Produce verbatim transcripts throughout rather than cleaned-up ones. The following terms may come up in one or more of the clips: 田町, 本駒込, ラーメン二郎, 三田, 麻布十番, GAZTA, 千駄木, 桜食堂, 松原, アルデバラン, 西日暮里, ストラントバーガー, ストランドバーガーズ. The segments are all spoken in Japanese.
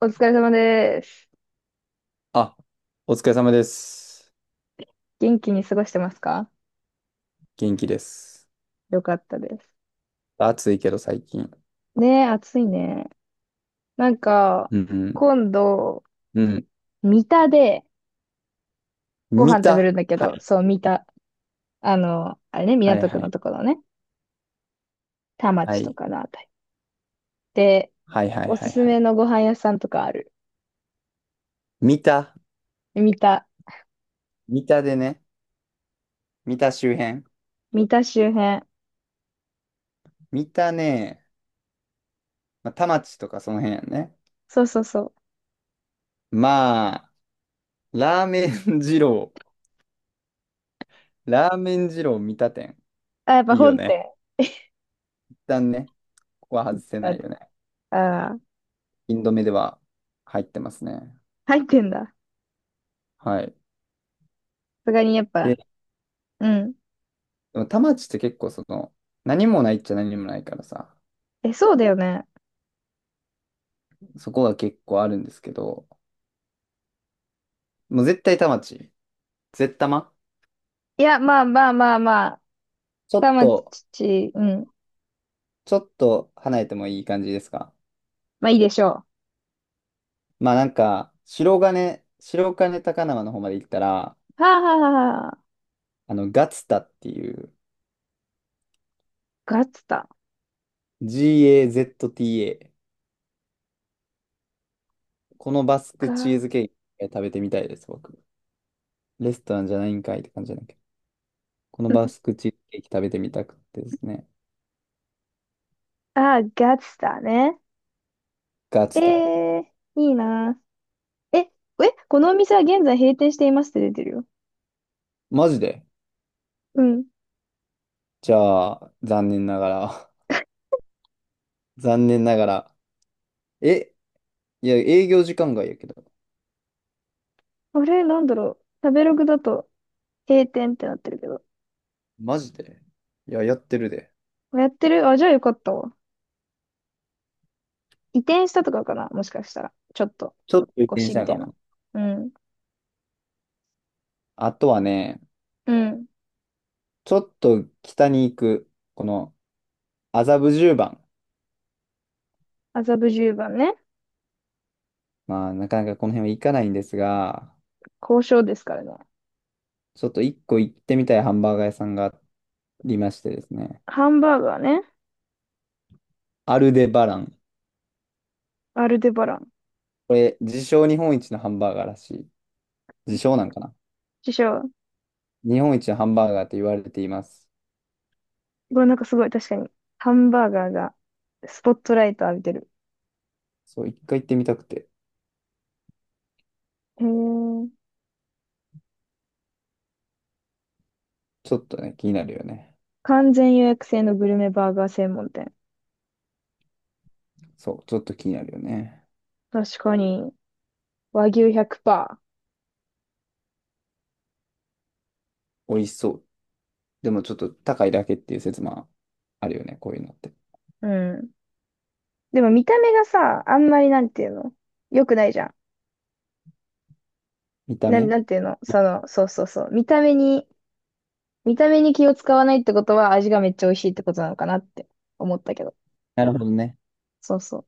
お疲れ様です。あ、お疲れ様です。元気に過ごしてますか？元気です。よかったです。暑いけど最近。ねえ、暑いね。なんか、うん。今度、うん。三田でご見飯食べるた、んだけはど、い。そう、三田。あの、あれね、はい港は区のい。ところね。田は町とい。かのあたり。で、はいはいおはすいすはめい。のご飯屋さんとかある？見た三田。見たでね。見た周辺。三田周辺。見たね。まあ、田町とかその辺やね。そうそうそう。まあ、ラーメン二郎。ラーメン二郎見た店。あ、やっぱいいよ本ね。店。一旦ね。ここは外せだなっいて、よね。ああ、インド目では入ってますね。入ってんだ。さはい。すがにやっぱ、うん。でも田町って結構その、何もないっちゃ何もないからさ、え、そうだよね。そこが結構あるんですけど、もう絶対田町。絶玉、いや、まあまあまあまあ。ちょっ田と、町、うん。ちょっと離れてもいい感じですか？まあいいでしょまあなんか、白金、白金高輪の方まで行ったら、う。はあ、あの、ガツタっていう ガッツだ。ガツタ。このバスクガ、チーズケーキ食べてみたいです、僕。レストランじゃないんかいって感じじゃないけど。このバスクチーズケーキ食べてみたくてですね。あー、ガッツだね。ガえツタ。えー、いいな。え、え、このお店は現在閉店していますって出てるよ。マジで？うん。じゃあ、残念ながら。残念ながら。え、いや、営業時間外やけど。あれ、なんだろう。食べログだと閉店ってなってるけど。マジで？いや、やってるで。やってる？あ、じゃあよかったわ。移転したとかかなもしかしたら。ちょっと、ちょっと電腰み車たかいもな。な。うん。あとはね、うん。ちょっと北に行く、この麻布十番。麻布十番ね。まあ、なかなかこの辺は行かないんですが、交渉ですからね。ちょっと一個行ってみたいハンバーガー屋さんがありましてですね。ハンバーガーね。アルデバラン。アルデバラン。これ、自称日本一のハンバーガーらしい。自称なんかな？師匠。日本一のハンバーガーと言われています。これなんかすごい確かに、ハンバーガーがスポットライト浴びてる。そう、一回行ってみたくて。へえ。ちょっとね、気になるよね。完全予約制のグルメバーガー専門店。そう、ちょっと気になるよね。確かに、和牛ひゃくパーセント。美味しそう。でもちょっと高いだけっていう説もあるよね、こういうのって。うん。でも見た目がさ、あんまりなんていうの、良くないじゃ見ん。たな、目、なんていうのその、そうそうそう。見た目に、見た目に気を使わないってことは味がめっちゃ美味しいってことなのかなって思ったけど。なるほどね。そうそう。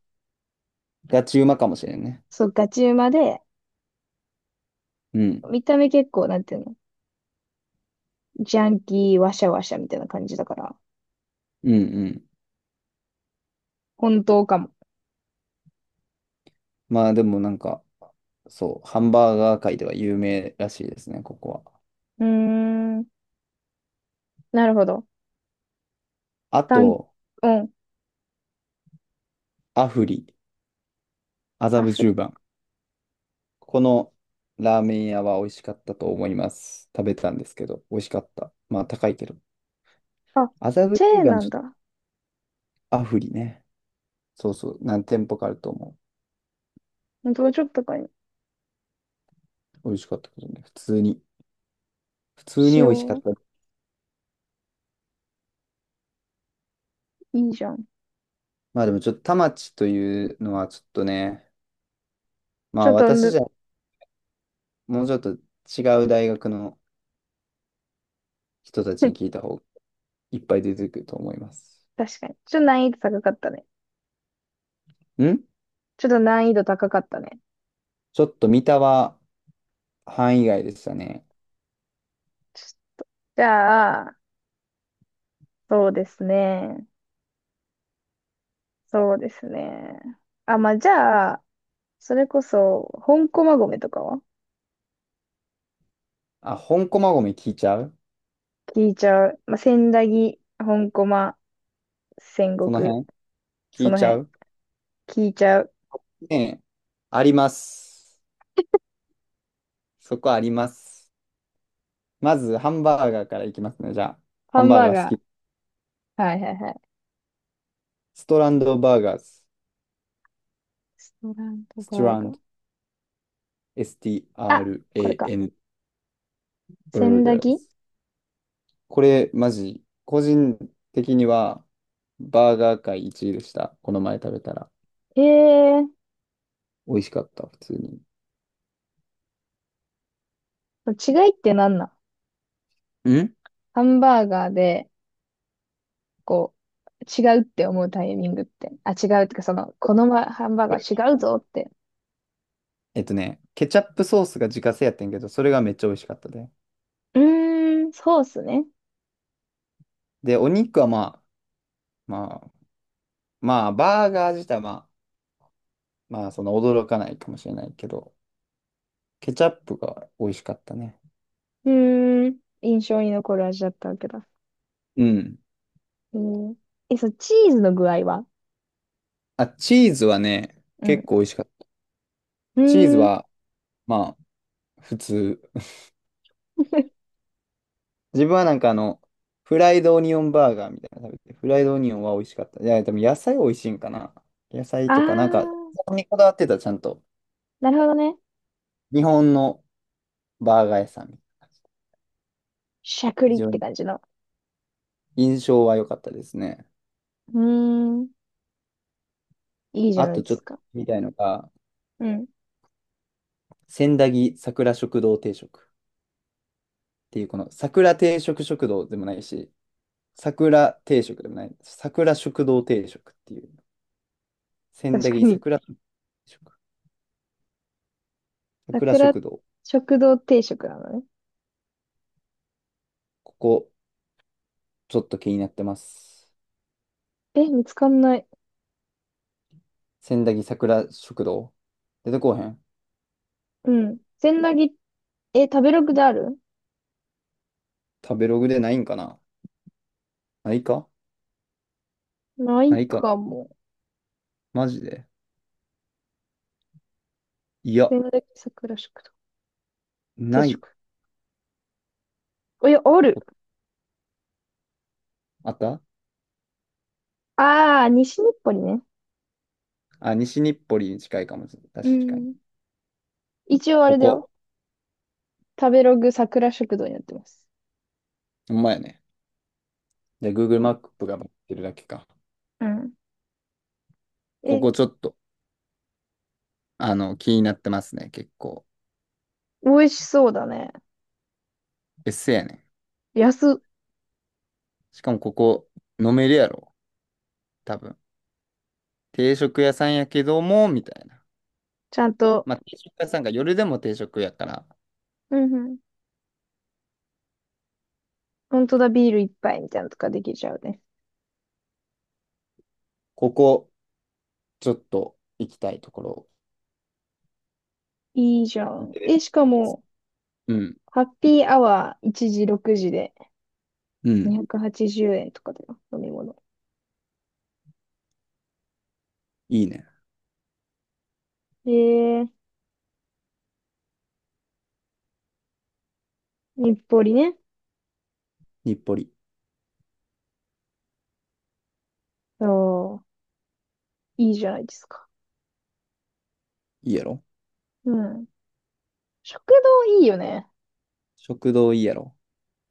ガチうまかもしれんね。そう、ガチうまで、うん。見た目結構なんていうの、ジャンキー、ワシャワシャみたいな感じだから、うんうん。本当かも。まあでもなんか、そう、ハンバーガー界では有名らしいですね、ここは。うーん。なるほど。あ単、ン、と、うん。アフリ、麻ア布フ十リ。番。このラーメン屋は美味しかったと思います。食べたんですけど、美味しかった。まあ高いけど。あ、麻布チェ十ーン番、なちんょっとだ。アフリね。そうそう、何店舗かあると思う。どうちょっとかに美味しかったけどね。普通に。普通にし美味しかよっう。た。いいじゃん。まあでもちょっと田町というのはちょっとね、まちょあっと私じむ、ゃもうちょっと違う大学の人たちに聞 いた方がいっぱい出てくると思います。確かに。ちょっと難易度高かったね。ん、ちょっと難易度高かったね。ちょっと三田は範囲外でしたね。じゃあ、そうですね。そうですね。あ、まあ、じゃあ、それこそ、本駒込とかはあ、本駒込聞いちゃう？聞いちゃう。まあ、千駄木、本駒、戦その国、辺聞そいのちゃ辺、う？聞いちゃう。ねえ。あります。そこあります。まずハンバーガーからいきますね。じゃあ、ハハンンバーバーガー好ガき。ー。はいはいはい。ストランドバーガーズ。ストラントストバーラガンー。ド。s t あ、r これ a か。n 千駄木 burgers。これ、マジ、個人的には、バーガー界いちいでした。この前食べたら。ええ美味しかった、普通に。ー、違いって何なん？ん、ハンバーガーで、こう、違うって思うタイミングって。あ、違うってか、その、このまハンバーガー違うぞって。えっとね、ケチャップソースが自家製やってんけど、それがめっちゃ美味しかったで。うーん、そうっすね。で、お肉はまあ、まあ、まあ、バーガー自体はまあ、まあ、その驚かないかもしれないけど、ケチャップが美味しかったね。うーん、印象に残る味だったわけだ。うん。えー、え、そう、チーズの具合は？あ、チーズはね、うん。結構美味しかった。うチーズーん。は、まあ、普通。自分はなんかあの、フライドオニオンバーガーみたいなの食べて、フライドオニオンは美味しかった。いや、でも野菜美味しいんかな。野菜あー、とか、なんか、そこにこだわってた、ちゃんと。なるほどね。日本のバーガー屋さん。しゃく非りっ常てに感じの。印象は良かったですね。うーん、いいじゃあないとでちょっすとか。みたいのが、うん。千駄木桜食堂定食っていう、この桜定食食堂でもないし、桜定食でもない、桜食堂定食っていう、千確駄か木に。桜食、桜桜食堂。食堂定食なのね。ここ、ちょっと気になってます。え、見つかんない。千駄木桜食堂出てこうへん？うん。千駄木、え、食べログである？食べログでないんかな？ないか？なないいかかな？も。マジで？いや、千駄木桜食堂定な食。いおや、あこ。る。あった、あー、西日暮里ね。あ、西日暮里に近いかもしれない。う確かに。ん。一応あこれだよ。こ。食べログ桜食堂になってます。ほんまやね。じゃあ、Google こマップが持ってるだけか。うん。こえ、こちょっと、あの、気になってますね。結構。美味しそうだね。別姓やね。安、しかもここ、飲めるやろ。多分。定食屋さんやけども、みたいな。ちゃんと。まあ、定食屋さんが夜でも定食やから、うんうん。本当だ、ビール一杯みたいなのとかできちゃうね。ここ、ちょっと行きたいところ。いいじゃん。え、しかも、うん。ハッピーアワーいちじろくじでうん。にひゃくはちじゅうえんとかだよ、飲み物。いいね。で、日暮里ね。日暮里。そう、いいじゃないですか。いいやろ？うん。食堂いいよね。食堂いいやろ？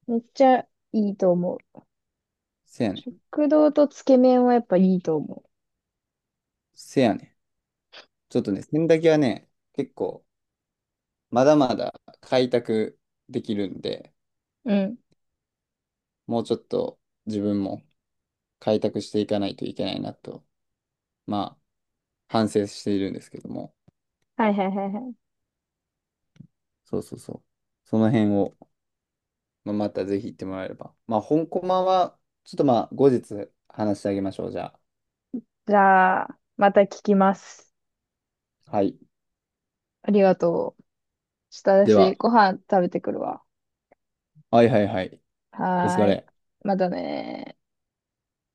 めっちゃいいと思う。せやねん。食堂とつけ麺はやっぱいいと思せやねん。ちょっとね、洗濯機はね、結構、まだまだ開拓できるんで、う。うん。もうちょっと自分も開拓していかないといけないなと、まあ、反省しているんですけども。はいはいはいはい。そうそうそう。その辺を、まあ、またぜひ行ってもらえれば。まあ、本コマは、ちょっとまあ、後日話してあげましょう。じゃあ。じゃあ、また聞きます。はい。ありがとう。ちょっとで私、は、ご飯食べてくるわ。はいはいはい。お疲はーい。れ。またねー。